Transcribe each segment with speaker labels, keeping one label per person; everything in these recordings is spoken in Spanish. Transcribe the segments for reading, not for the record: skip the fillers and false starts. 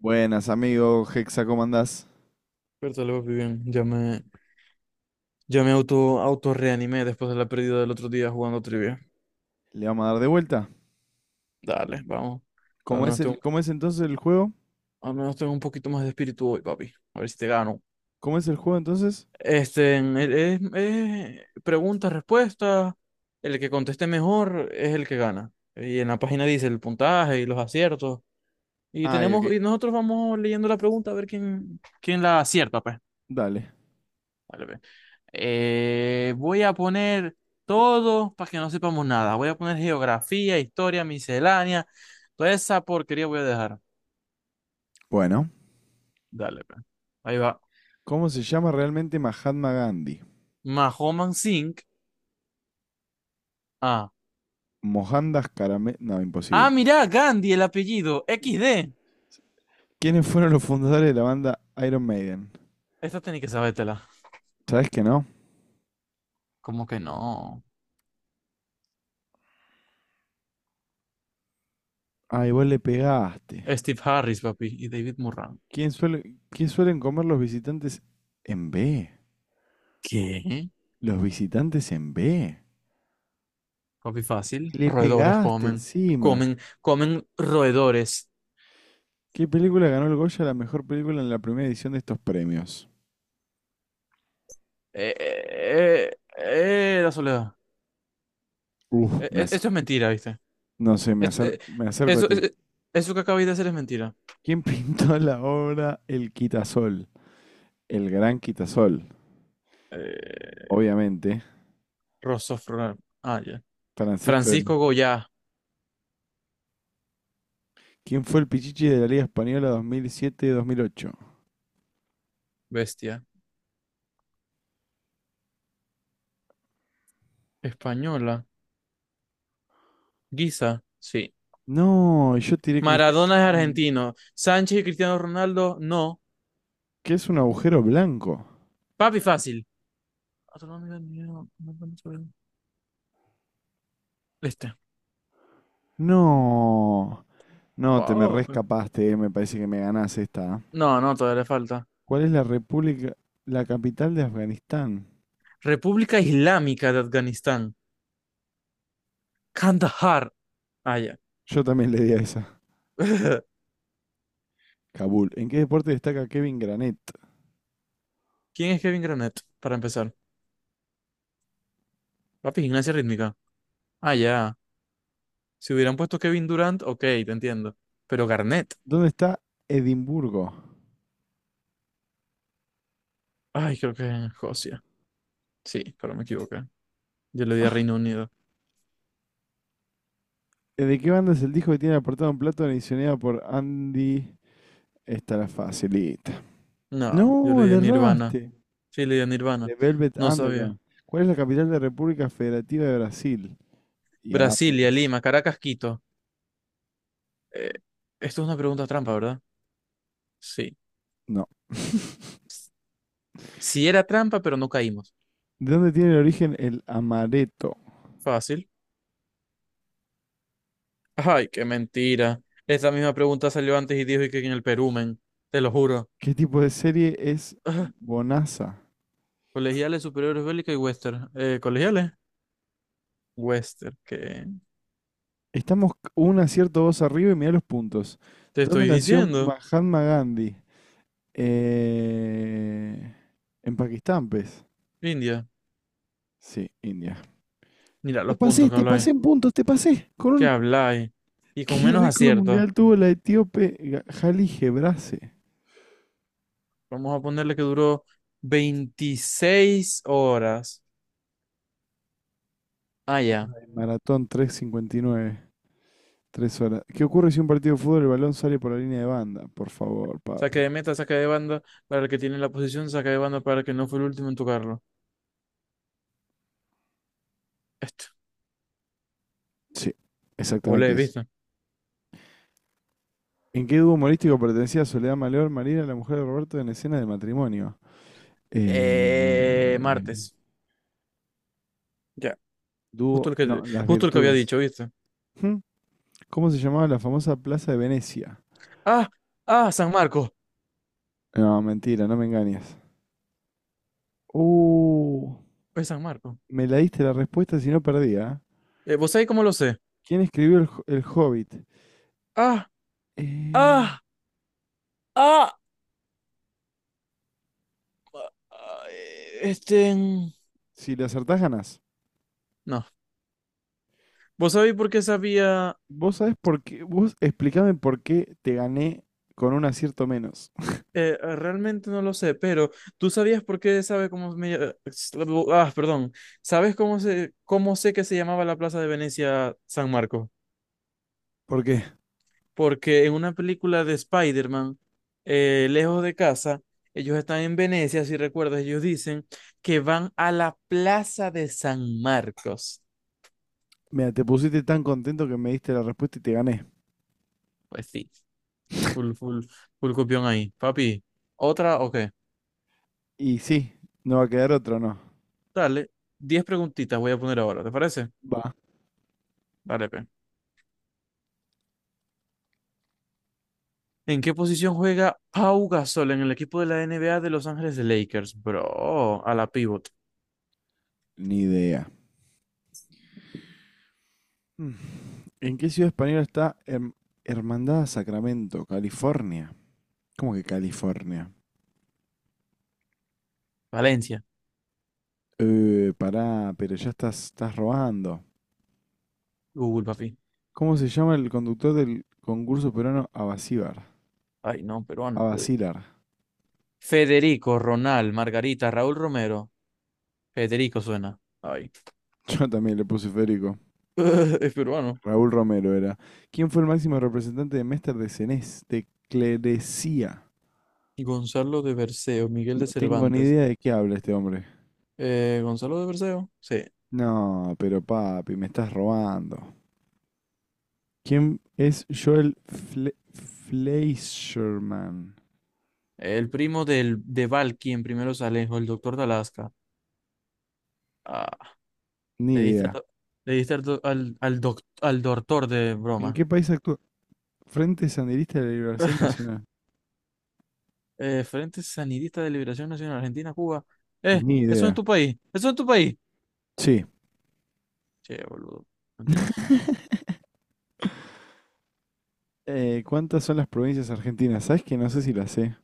Speaker 1: Buenas, amigo Hexa, ¿cómo andás?
Speaker 2: Bertale, papi, bien. Ya me auto reanimé después de la pérdida del otro día jugando trivia.
Speaker 1: Le vamos a dar de vuelta.
Speaker 2: Dale, vamos. Al
Speaker 1: ¿Cómo es
Speaker 2: menos tengo,
Speaker 1: cómo es entonces el juego?
Speaker 2: al menos tengo un poquito más de espíritu hoy, papi. A ver si te gano.
Speaker 1: ¿Cómo es el juego entonces?
Speaker 2: Es pregunta, respuesta. El que conteste mejor es el que gana. Y en la página dice el puntaje y los aciertos. Y
Speaker 1: Ah, el
Speaker 2: tenemos,
Speaker 1: que.
Speaker 2: y nosotros vamos leyendo la pregunta a ver quién la acierta, pues.
Speaker 1: Dale.
Speaker 2: Dale, ve. Voy a poner todo para que no sepamos nada. Voy a poner geografía, historia, miscelánea. Toda esa porquería voy a dejar.
Speaker 1: Bueno.
Speaker 2: Dale, pues. Ahí va.
Speaker 1: ¿Cómo se llama realmente Mahatma Gandhi?
Speaker 2: Mahoman Singh. Ah.
Speaker 1: Mohandas Karame... No,
Speaker 2: Ah,
Speaker 1: imposible.
Speaker 2: mirá, Gandhi, el apellido. XD.
Speaker 1: ¿Quiénes fueron los fundadores de la banda Iron Maiden?
Speaker 2: Esta tenés que sabértela.
Speaker 1: ¿Sabes que no?
Speaker 2: ¿Cómo que no?
Speaker 1: Ah, igual le pegaste.
Speaker 2: Steve Harris, papi, y David Murran.
Speaker 1: ¿Quién Qué suelen comer los visitantes en B?
Speaker 2: ¿Qué?
Speaker 1: Los visitantes en B.
Speaker 2: Papi, fácil.
Speaker 1: Le
Speaker 2: Roedores
Speaker 1: pegaste
Speaker 2: comen.
Speaker 1: encima.
Speaker 2: Comen roedores.
Speaker 1: ¿Qué película ganó el Goya a la mejor película en la primera edición de estos premios?
Speaker 2: La soledad.
Speaker 1: Uf, me ac-
Speaker 2: Esto es mentira, ¿viste?
Speaker 1: no sé, Me
Speaker 2: Eso, eh,
Speaker 1: acerco, me acerco a
Speaker 2: eso,
Speaker 1: ti.
Speaker 2: eh, Eso que acabáis de hacer es mentira.
Speaker 1: ¿Quién pintó la obra El Quitasol? El Gran Quitasol,
Speaker 2: Eh,
Speaker 1: obviamente.
Speaker 2: Rosso Fra- Ah, ya.
Speaker 1: Francisco del...
Speaker 2: Francisco Goyá,
Speaker 1: ¿Quién fue el Pichichi de la Liga Española 2007-2008?
Speaker 2: bestia. Española. Guisa, sí.
Speaker 1: No, yo tiré Cristiano.
Speaker 2: Maradona es
Speaker 1: Ronaldo.
Speaker 2: argentino. Sánchez y Cristiano Ronaldo, no.
Speaker 1: ¿Qué es un agujero blanco?
Speaker 2: Papi, fácil. Otro nombre, mío, no me acuerdo Este.
Speaker 1: No, no, Te me
Speaker 2: Papi.
Speaker 1: rescapaste. Me parece que me ganás esta. ¿Eh?
Speaker 2: No, no, todavía le falta.
Speaker 1: ¿Cuál es la capital de Afganistán?
Speaker 2: República Islámica de Afganistán. Kandahar. Ah, ya.
Speaker 1: Yo también le di a esa. Kabul. ¿En qué deporte destaca Kevin Granet?
Speaker 2: ¿Quién es Kevin Granet? Para empezar. Papi, gimnasia rítmica. Ah, ya. Si hubieran puesto Kevin Durant, ok, te entiendo. Pero Garnett.
Speaker 1: ¿Dónde está Edimburgo?
Speaker 2: Ay, creo que es Escocia. Sí, pero me equivoqué. Yo le di a Reino Unido.
Speaker 1: ¿De qué banda es el disco que tiene apartado un plato adicionado por Andy? Esta la facilita.
Speaker 2: No, yo le
Speaker 1: No,
Speaker 2: di a
Speaker 1: le
Speaker 2: Nirvana.
Speaker 1: erraste.
Speaker 2: Sí, le di a Nirvana.
Speaker 1: De Velvet
Speaker 2: No sabía.
Speaker 1: Underground. ¿Cuál es la capital de República Federativa de Brasil? Y
Speaker 2: Brasilia,
Speaker 1: Apes.
Speaker 2: Lima, Caracas, Quito. Eh, Esto es una pregunta trampa, ¿verdad? Sí.
Speaker 1: No.
Speaker 2: Sí era trampa, pero no caímos.
Speaker 1: ¿De dónde tiene el origen el amaretto?
Speaker 2: Fácil. Ay, qué mentira. Esta misma pregunta salió antes y dijo que en el Perú, men. Te lo juro.
Speaker 1: ¿Qué tipo de serie es
Speaker 2: Ah,
Speaker 1: Bonanza?
Speaker 2: colegiales, superiores, bélica y western. Colegiales. Western, ¿qué?
Speaker 1: Estamos un acierto dos arriba y mirá los puntos.
Speaker 2: Te
Speaker 1: ¿Dónde
Speaker 2: estoy
Speaker 1: nació
Speaker 2: diciendo.
Speaker 1: Mahatma Gandhi? Eh, en Pakistán, pues.
Speaker 2: India,
Speaker 1: Sí, India.
Speaker 2: mira los puntos que
Speaker 1: Te
Speaker 2: habláis,
Speaker 1: pasé en puntos, te pasé. Con
Speaker 2: que
Speaker 1: un...
Speaker 2: habláis, y con
Speaker 1: ¿Qué
Speaker 2: menos
Speaker 1: récord
Speaker 2: acierto.
Speaker 1: mundial tuvo la etíope Ga- Hailey Gebrase?
Speaker 2: Vamos a ponerle que duró 26 horas. Ah, ya.
Speaker 1: En Maratón tres cincuenta y nueve, tres horas. ¿Qué ocurre si un partido de fútbol el balón sale por la línea de banda? Por favor,
Speaker 2: Saque
Speaker 1: papi.
Speaker 2: de meta, saque de banda para el que tiene la posición, saque de banda para el que no fue el último en tocarlo. Esto.
Speaker 1: Sí, exactamente
Speaker 2: Volé,
Speaker 1: eso.
Speaker 2: ¿viste?
Speaker 1: ¿En qué dúo humorístico pertenecía Soledad Maleor, Marina, la mujer de Roberto, en escena de matrimonio? Eh,
Speaker 2: Martes. Ya. Justo el que,
Speaker 1: no, las
Speaker 2: justo el que había
Speaker 1: virtudes.
Speaker 2: dicho, ¿viste?
Speaker 1: ¿Cómo se llamaba la famosa Plaza de Venecia?
Speaker 2: Ah, San Marcos.
Speaker 1: No, mentira, no me engañes. Uh,
Speaker 2: Es San Marcos.
Speaker 1: me la diste la respuesta si no perdía.
Speaker 2: ¿Vos sabés cómo lo sé?
Speaker 1: ¿Quién escribió el Hobbit?
Speaker 2: Ah,
Speaker 1: Eh,
Speaker 2: ah, ah. ah, eh, Este. mm,
Speaker 1: si le acertás, ganás.
Speaker 2: No. ¿Vos sabéis por qué sabía?
Speaker 1: Vos sabés por qué. Vos explícame por qué te gané con un acierto menos.
Speaker 2: Realmente no lo sé, pero ¿tú sabías por qué sabe cómo me Ah, perdón. ¿Sabes cómo sé que se llamaba la Plaza de Venecia San Marcos?
Speaker 1: ¿Por qué?
Speaker 2: Porque en una película de Spider-Man, Lejos de casa, ellos están en Venecia, si recuerdas, ellos dicen que van a la Plaza de San Marcos.
Speaker 1: Mira, te pusiste tan contento que me diste la respuesta y te gané.
Speaker 2: Pues sí, full, full, full copión ahí. Papi, otra, o qué.
Speaker 1: Y sí, no va a quedar otro, ¿no?
Speaker 2: Dale, 10 preguntitas voy a poner ahora, ¿te parece?
Speaker 1: Va.
Speaker 2: Dale, pe. ¿En qué posición juega Pau Gasol en el equipo de la NBA de Los Ángeles Lakers, bro? A la pivot.
Speaker 1: Ni idea. Mm. ¿En qué ciudad española está Hermandad Sacramento, California? ¿Cómo que California?
Speaker 2: Valencia.
Speaker 1: Pará, pero ya estás robando.
Speaker 2: Google, papi.
Speaker 1: ¿Cómo se llama el conductor del concurso peruano Abasíbar?
Speaker 2: Ay, no, peruano.
Speaker 1: Abasilar.
Speaker 2: Federico, Ronald, Margarita, Raúl Romero. Federico suena. Ay.
Speaker 1: Yo también le puse Federico.
Speaker 2: Es peruano.
Speaker 1: Raúl Romero era. ¿Quién fue el máximo representante de Mester de Cenés? De Clerecía.
Speaker 2: Gonzalo de Berceo, Miguel
Speaker 1: No
Speaker 2: de
Speaker 1: tengo ni
Speaker 2: Cervantes.
Speaker 1: idea de qué habla este hombre.
Speaker 2: ¿Gonzalo de Berceo? Sí.
Speaker 1: No, pero papi, me estás robando. ¿Quién es Joel Fle Fleischerman?
Speaker 2: El primo de Valky en primeros alejos, el doctor de Alaska. Ah,
Speaker 1: Ni
Speaker 2: le diste, a
Speaker 1: idea.
Speaker 2: to- le diste al, al doctor de
Speaker 1: ¿En
Speaker 2: broma.
Speaker 1: qué país actúa? Frente Sandinista de la Liberación Nacional.
Speaker 2: Frente Sandinista de Liberación Nacional Argentina, Cuba.
Speaker 1: Ni
Speaker 2: Eso en
Speaker 1: idea.
Speaker 2: tu país, eso en tu país.
Speaker 1: Sí.
Speaker 2: Che, boludo, mentiroso.
Speaker 1: ¿Cuántas son las provincias argentinas? ¿Sabes que no sé si las sé?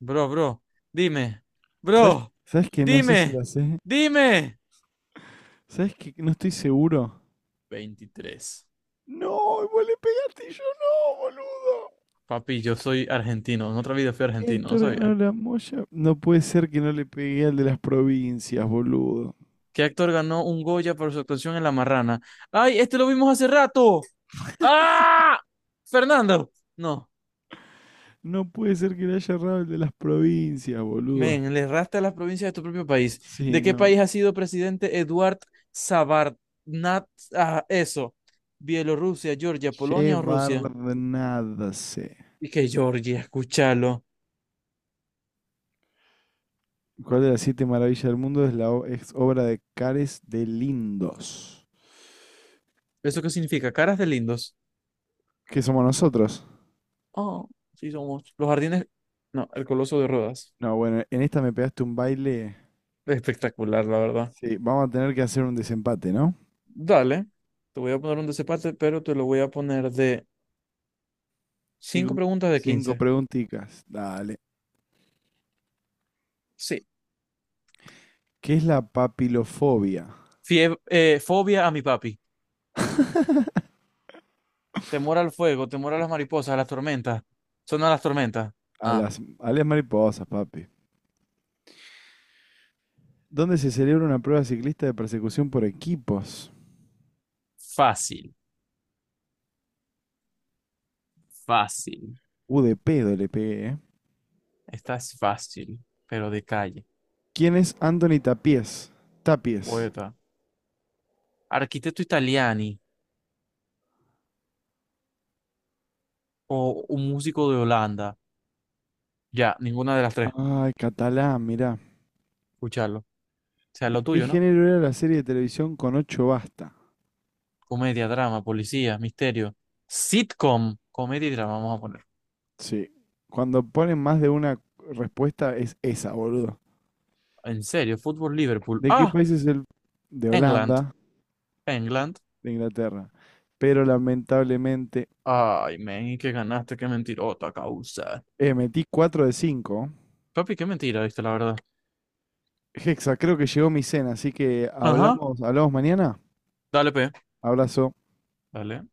Speaker 2: Bro, dime,
Speaker 1: ¿Sabes,
Speaker 2: bro,
Speaker 1: ¿Sabes que no sé si
Speaker 2: dime,
Speaker 1: las sé?
Speaker 2: dime.
Speaker 1: ¿Sabes que no estoy seguro?
Speaker 2: 23.
Speaker 1: No, vos le pegaste y yo no, boludo.
Speaker 2: Papi, yo soy argentino, en otra vida fui
Speaker 1: ¿Qué
Speaker 2: argentino, no
Speaker 1: actor ganó
Speaker 2: sabía.
Speaker 1: la Moya? No puede ser que no le pegué al de las provincias, boludo.
Speaker 2: ¿Qué actor ganó un Goya por su actuación en La Marrana? ¡Ay, este lo vimos hace rato! ¡Ah! Fernando. No.
Speaker 1: No puede ser que le haya errado el de las provincias, boludo.
Speaker 2: Men, le erraste a las provincias de tu propio país.
Speaker 1: Sí,
Speaker 2: ¿De qué
Speaker 1: no.
Speaker 2: país ha sido presidente Eduard Sabarnat? Ah, eso. Bielorrusia, Georgia, Polonia o
Speaker 1: Llevar
Speaker 2: Rusia.
Speaker 1: nada sé.
Speaker 2: Y que Georgia, escúchalo.
Speaker 1: ¿Cuál de las siete maravillas del mundo es es obra de Cares de Lindos?
Speaker 2: ¿Eso qué significa? Caras de lindos.
Speaker 1: ¿Qué somos nosotros?
Speaker 2: Oh, sí somos. Los jardines. No, el Coloso de Rodas.
Speaker 1: No, bueno, en esta me pegaste un baile.
Speaker 2: Espectacular, la verdad.
Speaker 1: Sí, vamos a tener que hacer un desempate, ¿no?
Speaker 2: Dale. Te voy a poner un desempate, pero te lo voy a poner de 5
Speaker 1: Cinco,
Speaker 2: preguntas de
Speaker 1: Cinco
Speaker 2: 15.
Speaker 1: preguntitas. Dale.
Speaker 2: Sí.
Speaker 1: ¿Qué es la papilofobia?
Speaker 2: Fobia a mi papi. Temor al fuego, temor a las mariposas, a las tormentas. Son a las tormentas. Ah.
Speaker 1: A las mariposas, papi. ¿Dónde se celebra una prueba ciclista de persecución por equipos?
Speaker 2: Fácil, fácil.
Speaker 1: De pedo le pegué, ¿eh?
Speaker 2: Esta es fácil, pero de calle.
Speaker 1: ¿Quién es Anthony Tapies? Tapies.
Speaker 2: Poeta. Arquitecto italiani o un músico de Holanda. Ya, ninguna de las tres.
Speaker 1: Ay, catalán, mirá.
Speaker 2: Escucharlo. O sea, lo
Speaker 1: ¿De qué
Speaker 2: tuyo, ¿no?
Speaker 1: género era la serie de televisión con ocho basta?
Speaker 2: Comedia, drama, policía, misterio. Sitcom. Comedia y drama, vamos a poner.
Speaker 1: Sí. Cuando ponen más de una respuesta es esa, boludo.
Speaker 2: En serio, fútbol Liverpool.
Speaker 1: ¿De qué
Speaker 2: Ah,
Speaker 1: país es el...? De
Speaker 2: England.
Speaker 1: Holanda,
Speaker 2: England.
Speaker 1: de Inglaterra. Pero lamentablemente...
Speaker 2: Ay, men, y que ganaste, qué mentirota causa.
Speaker 1: Metí 4 de 5.
Speaker 2: Papi, qué mentira, viste, la verdad.
Speaker 1: Hexa, creo que llegó mi cena, así que
Speaker 2: Ajá.
Speaker 1: hablamos, hablamos mañana.
Speaker 2: Dale, pe,
Speaker 1: Abrazo.
Speaker 2: dale.